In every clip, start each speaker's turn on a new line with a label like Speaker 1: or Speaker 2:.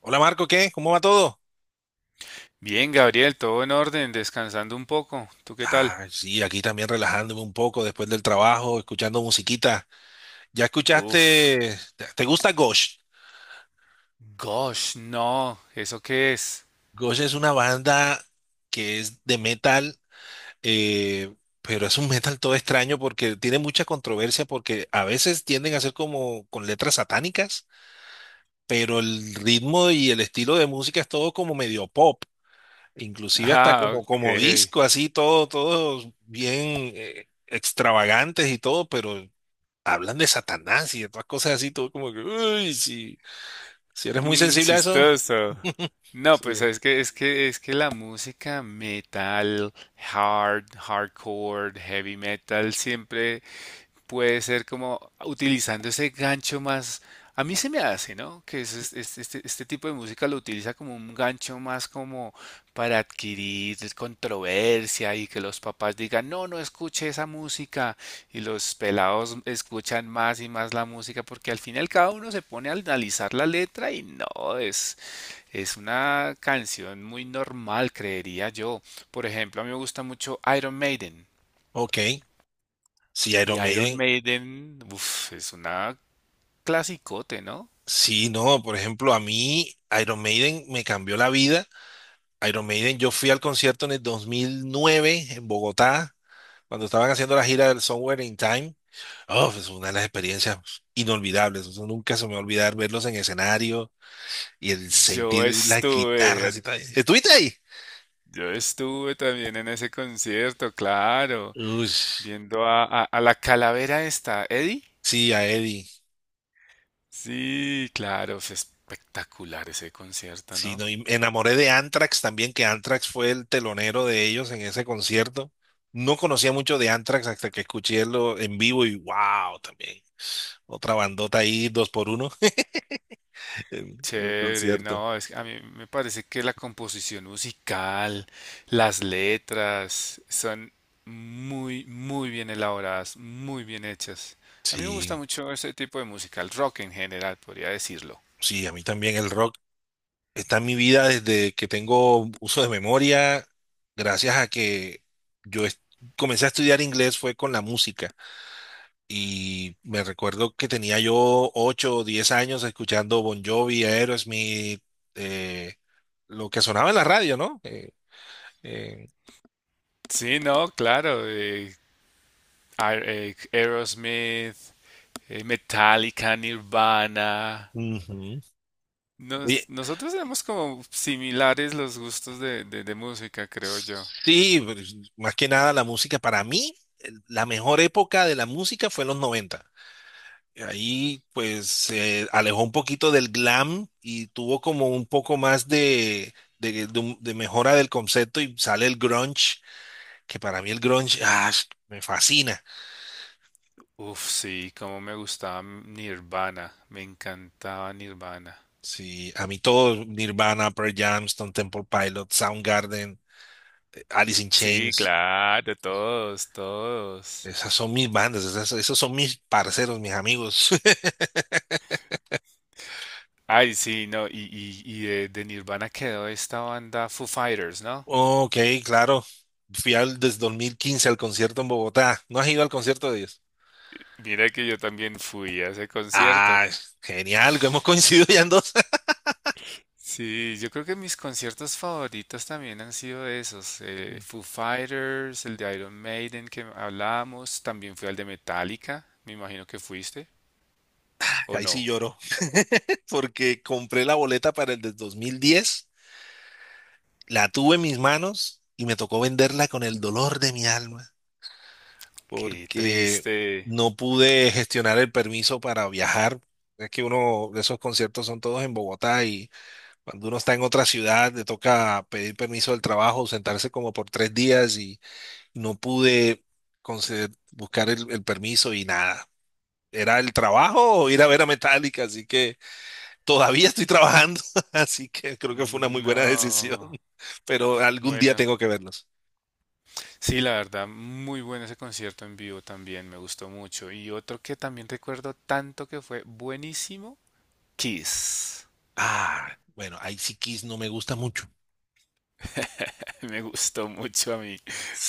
Speaker 1: Hola Marco, ¿qué? ¿Cómo va todo?
Speaker 2: Bien, Gabriel, todo en orden, descansando un poco. ¿Tú qué tal?
Speaker 1: Ah, sí, aquí también relajándome un poco después del trabajo, escuchando musiquita. ¿Ya
Speaker 2: Uf,
Speaker 1: escuchaste? ¿Te gusta Ghost?
Speaker 2: gosh, no, ¿eso qué es?
Speaker 1: Ghost es una banda que es de metal, eh, pero es un metal todo extraño porque tiene mucha controversia porque a veces tienden a ser como con letras satánicas, pero el ritmo y el estilo de música es todo como medio pop, inclusive hasta
Speaker 2: Ah,
Speaker 1: como, como
Speaker 2: ok.
Speaker 1: disco, así todo, todo bien extravagantes y todo, pero hablan de Satanás y de todas cosas así, todo como que, uy, si, si eres muy
Speaker 2: Mm,
Speaker 1: sensible a eso.
Speaker 2: chistoso. No, pues
Speaker 1: Sí.
Speaker 2: es que la música metal, hardcore, heavy metal siempre puede ser como utilizando ese gancho más, a mí se me hace, ¿no? Que este tipo de música lo utiliza como un gancho más, como para adquirir controversia y que los papás digan, no, no escuche esa música, y los pelados escuchan más y más la música porque al final cada uno se pone a analizar la letra y no, es una canción muy normal, creería yo. Por ejemplo, a mí me gusta mucho Iron Maiden.
Speaker 1: Ok, si Iron
Speaker 2: Y Iron
Speaker 1: Maiden,
Speaker 2: Maiden, uff, es una clasicote, ¿no?
Speaker 1: sí, no, por ejemplo, a mí Iron Maiden me cambió la vida. Iron Maiden, yo fui al concierto en el 2009 en Bogotá, cuando estaban haciendo la gira del Somewhere in Time. Oh, es una de las experiencias inolvidables, eso nunca se me va a olvidar verlos en escenario y el
Speaker 2: Yo
Speaker 1: sentir las
Speaker 2: estuve,
Speaker 1: guitarras y tal. ¿Estuviste ahí?
Speaker 2: yo estuve también en ese concierto, claro,
Speaker 1: Uy,
Speaker 2: viendo a, a la calavera esta, Eddie.
Speaker 1: sí, a Eddie.
Speaker 2: Sí, claro, fue espectacular ese concierto,
Speaker 1: Sí,
Speaker 2: ¿no?
Speaker 1: no, y me enamoré de Anthrax también, que Anthrax fue el telonero de ellos en ese concierto. No conocía mucho de Anthrax hasta que escuché lo en vivo y wow, también. Otra bandota ahí, dos por uno, en el
Speaker 2: Chévere,
Speaker 1: concierto.
Speaker 2: no, es que a mí me parece que la composición musical, las letras, son muy, muy bien elaboradas, muy bien hechas. A mí me gusta
Speaker 1: Sí,
Speaker 2: mucho ese tipo de música, el rock en general, podría decirlo.
Speaker 1: sí, a mí también el rock está en mi vida desde que tengo uso de memoria, gracias a que yo est- comencé a estudiar inglés fue con la música. Y me recuerdo que tenía yo 8 o 10 años escuchando Bon Jovi, Aerosmith, eh, lo que sonaba en la radio, ¿no? Eh,
Speaker 2: Sí, no, claro, Aerosmith, Metallica, Nirvana.
Speaker 1: ujú. Oye,
Speaker 2: Nosotros tenemos como similares los gustos de, de música, creo yo.
Speaker 1: sí, pues, más que nada la música, para mí, la mejor época de la música fue en los 90. Ahí pues se alejó un poquito del glam y tuvo como un poco más de, de mejora del concepto y sale el grunge, que para mí el grunge, ah, me fascina.
Speaker 2: Uf, sí, cómo me gustaba Nirvana, me encantaba Nirvana.
Speaker 1: Sí, a mí todo, Nirvana, Pearl Jam, Stone Temple Pilots, Soundgarden, Alice in
Speaker 2: Sí,
Speaker 1: Chains,
Speaker 2: claro, todos, todos.
Speaker 1: esas son mis bandas, esos son mis parceros, mis amigos.
Speaker 2: Ay, sí, no, y de Nirvana quedó esta banda Foo Fighters, ¿no?
Speaker 1: Ok, claro. Fui al, desde 2015 al concierto en Bogotá. ¿No has ido al concierto de ellos?
Speaker 2: Mira que yo también fui a ese concierto.
Speaker 1: Ah, genial, que hemos coincidido ya en dos.
Speaker 2: Sí, yo creo que mis conciertos favoritos también han sido esos, Foo Fighters, el de Iron Maiden que hablábamos, también fui al de Metallica. Me imagino que fuiste, ¿o
Speaker 1: Ahí sí
Speaker 2: no?
Speaker 1: lloro, porque compré la boleta para el de 2010, la tuve en mis manos y me tocó venderla con el dolor de mi alma,
Speaker 2: Qué
Speaker 1: porque
Speaker 2: triste.
Speaker 1: no pude gestionar el permiso para viajar. Es que uno de esos conciertos son todos en Bogotá y cuando uno está en otra ciudad le toca pedir permiso del trabajo, sentarse como por 3 días y no pude buscar el permiso y nada. Era el trabajo o ir a ver a Metallica, así que todavía estoy trabajando, así que creo que fue una muy buena decisión,
Speaker 2: No,
Speaker 1: pero algún día
Speaker 2: bueno,
Speaker 1: tengo que verlos.
Speaker 2: sí, la verdad, muy bueno ese concierto en vivo también, me gustó mucho. Y otro que también recuerdo tanto que fue buenísimo, Kiss.
Speaker 1: Ah, bueno, ahí sí Kiss no me gusta mucho.
Speaker 2: Me gustó mucho a mí,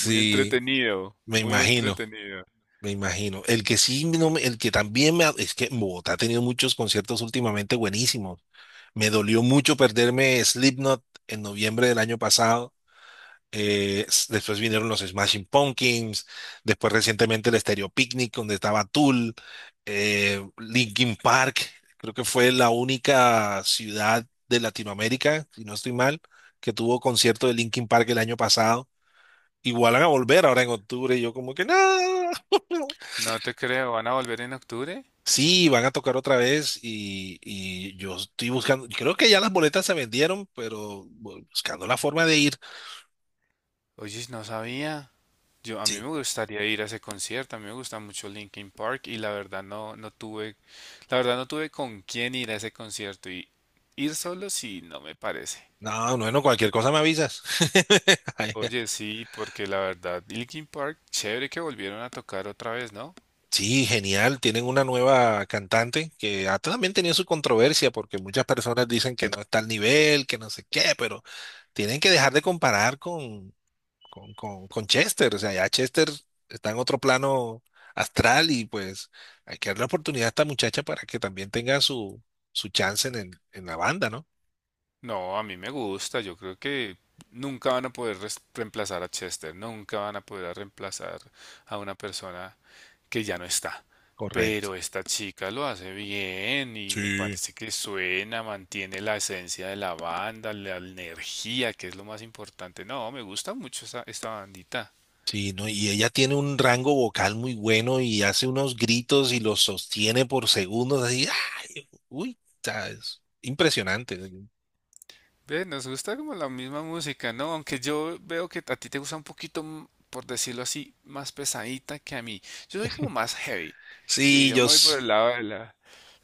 Speaker 2: muy entretenido,
Speaker 1: Me
Speaker 2: muy
Speaker 1: imagino,
Speaker 2: entretenido.
Speaker 1: me imagino. El que sí, no me- el que también me... Es que en Bogotá ha tenido muchos conciertos últimamente buenísimos. Me dolió mucho perderme Slipknot en noviembre del año pasado. Después vinieron los Smashing Pumpkins. Después recientemente el Stereo Picnic, donde estaba Tool, Linkin Park. Creo que fue la única ciudad de Latinoamérica, si no estoy mal, que tuvo concierto de Linkin Park el año pasado. Igual van a volver ahora en octubre. Y yo como que no.
Speaker 2: No te creo, ¿van a volver en octubre?
Speaker 1: Sí, van a tocar otra vez y yo estoy buscando, creo que ya las boletas se vendieron, pero buscando la forma de ir.
Speaker 2: Oye, no sabía. Yo, a mí
Speaker 1: Sí.
Speaker 2: me gustaría ir a ese concierto, a mí me gusta mucho Linkin Park, y la verdad no, no tuve, la verdad no tuve con quién ir a ese concierto, y ir solo sí no me parece.
Speaker 1: No, no, no, cualquier cosa me avisas. Ay,
Speaker 2: Oye, sí, porque la verdad, Linkin Park, chévere que volvieron a tocar otra vez, ¿no?
Speaker 1: sí, genial. Tienen una nueva cantante que ha también tenido su controversia porque muchas personas dicen que no está al nivel, que no sé qué, pero tienen que dejar de comparar con, con Chester. O sea, ya Chester está en otro plano astral y pues hay que darle la oportunidad a esta muchacha para que también tenga su, su chance en, en la banda, ¿no?
Speaker 2: No, a mí me gusta, yo creo que nunca van a poder reemplazar a Chester, nunca van a poder reemplazar a una persona que ya no está.
Speaker 1: Correcto.
Speaker 2: Pero esta chica lo hace bien y me
Speaker 1: Sí.
Speaker 2: parece que suena, mantiene la esencia de la banda, la energía, que es lo más importante. No, me gusta mucho esta, esta bandita.
Speaker 1: Sí, ¿no? Y ella tiene un rango vocal muy bueno y hace unos gritos y los sostiene por segundos así. ¡Ay! Uy, o sea, es impresionante.
Speaker 2: Ve, nos gusta como la misma música, ¿no? Aunque yo veo que a ti te gusta un poquito, por decirlo así, más pesadita que a mí. Yo soy como más heavy. Sí,
Speaker 1: Sí,
Speaker 2: yo
Speaker 1: yo,
Speaker 2: me voy por el lado de la,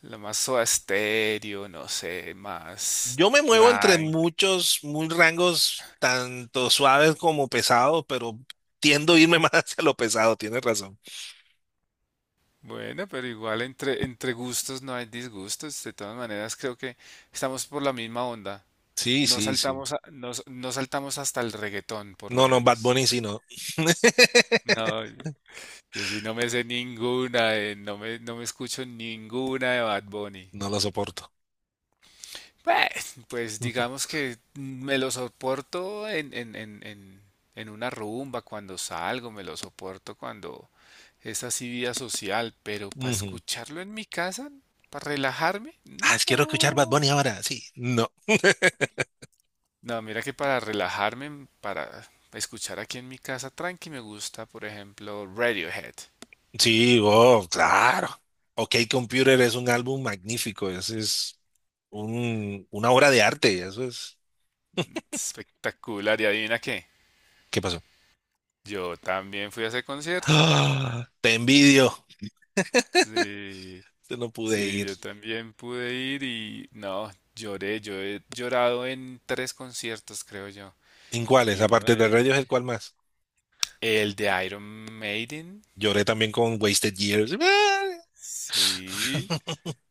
Speaker 2: la más soda estéreo, no sé, más
Speaker 1: Yo me muevo entre
Speaker 2: tranqui.
Speaker 1: muchos, muy rangos, tanto suaves como pesados, pero tiendo a irme más hacia lo pesado, tienes razón.
Speaker 2: Bueno, pero igual entre, entre gustos no hay disgustos. De todas maneras, creo que estamos por la misma onda.
Speaker 1: Sí,
Speaker 2: No
Speaker 1: sí, sí.
Speaker 2: saltamos, no saltamos hasta el reggaetón, por lo
Speaker 1: No, no, Bad
Speaker 2: menos.
Speaker 1: Bunny sí, no.
Speaker 2: No. Yo sí no me sé ninguna, no me, no me escucho ninguna de Bad Bunny.
Speaker 1: No lo soporto.
Speaker 2: Pues, pues digamos que me lo soporto en una rumba, cuando salgo, me lo soporto cuando es así vida social, pero para
Speaker 1: Ujú.
Speaker 2: escucharlo en mi casa, para relajarme,
Speaker 1: Ah,
Speaker 2: no.
Speaker 1: quiero escuchar Bad Bunny ahora, sí. No.
Speaker 2: No, mira que para relajarme, para escuchar aquí en mi casa tranqui, me gusta, por ejemplo, Radiohead.
Speaker 1: Sí, oh, claro. OK Computer es un álbum magnífico, ese es un, una obra de arte, eso es.
Speaker 2: Espectacular, y adivina qué,
Speaker 1: ¿Qué pasó?
Speaker 2: yo también fui a ese concierto.
Speaker 1: Ah, te envidio.
Speaker 2: Sí,
Speaker 1: Yo no pude
Speaker 2: sí,
Speaker 1: ir.
Speaker 2: yo también pude ir y no, lloré, yo he llorado en tres conciertos, creo yo.
Speaker 1: ¿En cuáles?
Speaker 2: Y uno
Speaker 1: Aparte
Speaker 2: de
Speaker 1: de
Speaker 2: ellos,
Speaker 1: Rayos, ¿el cuál más?
Speaker 2: el de Iron Maiden,
Speaker 1: Lloré también con Wasted Years.
Speaker 2: sí,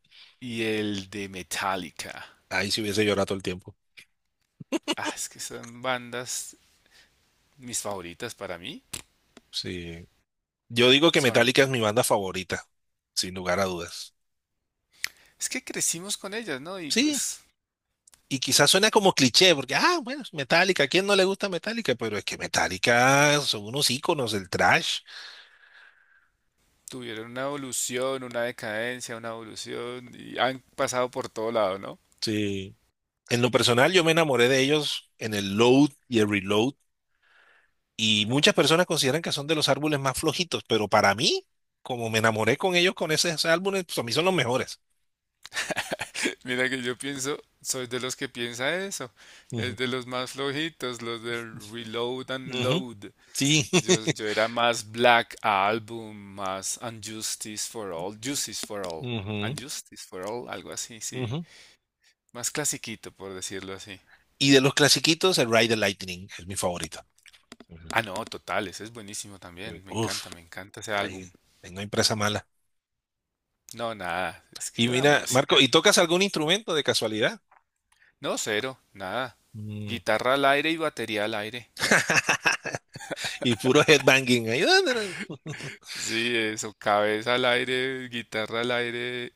Speaker 2: y el de Metallica.
Speaker 1: Ahí si hubiese llorado todo el tiempo.
Speaker 2: Ah, es que son bandas mis favoritas para mí.
Speaker 1: Sí. Yo digo que
Speaker 2: Son,
Speaker 1: Metallica es mi banda favorita, sin lugar a dudas.
Speaker 2: es que crecimos con ellas, ¿no? Y
Speaker 1: Sí,
Speaker 2: pues
Speaker 1: y quizás suena como cliché, porque, ah, bueno, es Metallica, ¿a quién no le gusta Metallica? Pero es que Metallica son unos íconos del trash.
Speaker 2: tuvieron una evolución, una decadencia, una evolución y han pasado por todo lado, ¿no?
Speaker 1: Sí. En lo personal, yo me enamoré de ellos en el Load y el Reload, y muchas personas consideran que son de los árboles más flojitos, pero para mí, como me enamoré con ellos con esos álbumes, pues a mí son los mejores.
Speaker 2: Mira que yo pienso, soy de los que piensa eso, es
Speaker 1: Ujú.
Speaker 2: de los más flojitos, los del reload and
Speaker 1: Ujú.
Speaker 2: load.
Speaker 1: Sí.
Speaker 2: Yo era más Black Album, más Unjustice for All, Justice for All,
Speaker 1: Ujú,
Speaker 2: Unjustice for All, algo así, sí,
Speaker 1: ujú.
Speaker 2: más clasiquito por decirlo así.
Speaker 1: Y de los clasiquitos, el Ride the Lightning es mi favorito. Ujú.
Speaker 2: Ah, no, total, ese es buenísimo también,
Speaker 1: Uf,
Speaker 2: me encanta ese
Speaker 1: ahí
Speaker 2: álbum.
Speaker 1: tengo impresa mala.
Speaker 2: No, nada, es
Speaker 1: Y
Speaker 2: que la
Speaker 1: mira, Marco,
Speaker 2: música,
Speaker 1: ¿y tocas algún instrumento de casualidad?
Speaker 2: no, cero, nada,
Speaker 1: Mm.
Speaker 2: guitarra al aire y batería al aire.
Speaker 1: Y puro headbanging ahí.
Speaker 2: Sí, eso, cabeza al aire, guitarra al aire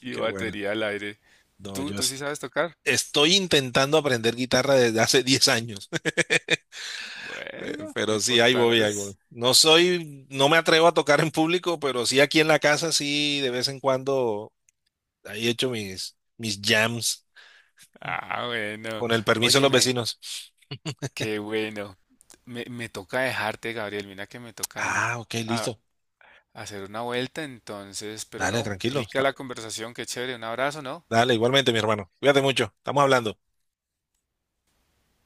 Speaker 2: y
Speaker 1: Qué bueno.
Speaker 2: batería al aire.
Speaker 1: No,
Speaker 2: ¿Tú, tú sí sabes tocar?
Speaker 1: estoy intentando aprender guitarra desde hace 10 años.
Speaker 2: Bueno, lo
Speaker 1: Pero sí, ahí voy,
Speaker 2: importante
Speaker 1: ahí voy.
Speaker 2: es...
Speaker 1: No soy, no me atrevo a tocar en público, pero sí aquí en la casa, sí, de vez en cuando, ahí he hecho mis, mis jams
Speaker 2: Ah, bueno.
Speaker 1: con el permiso de los
Speaker 2: Óyeme,
Speaker 1: vecinos.
Speaker 2: qué bueno. Me toca dejarte, Gabriel. Mira que me toca
Speaker 1: Ah, ok,
Speaker 2: a-
Speaker 1: listo.
Speaker 2: hacer una vuelta, entonces, pero
Speaker 1: Dale,
Speaker 2: no.
Speaker 1: tranquilo.
Speaker 2: Rica la conversación, qué chévere. Un abrazo, ¿no?
Speaker 1: Dale, igualmente, mi hermano. Cuídate mucho. Estamos hablando.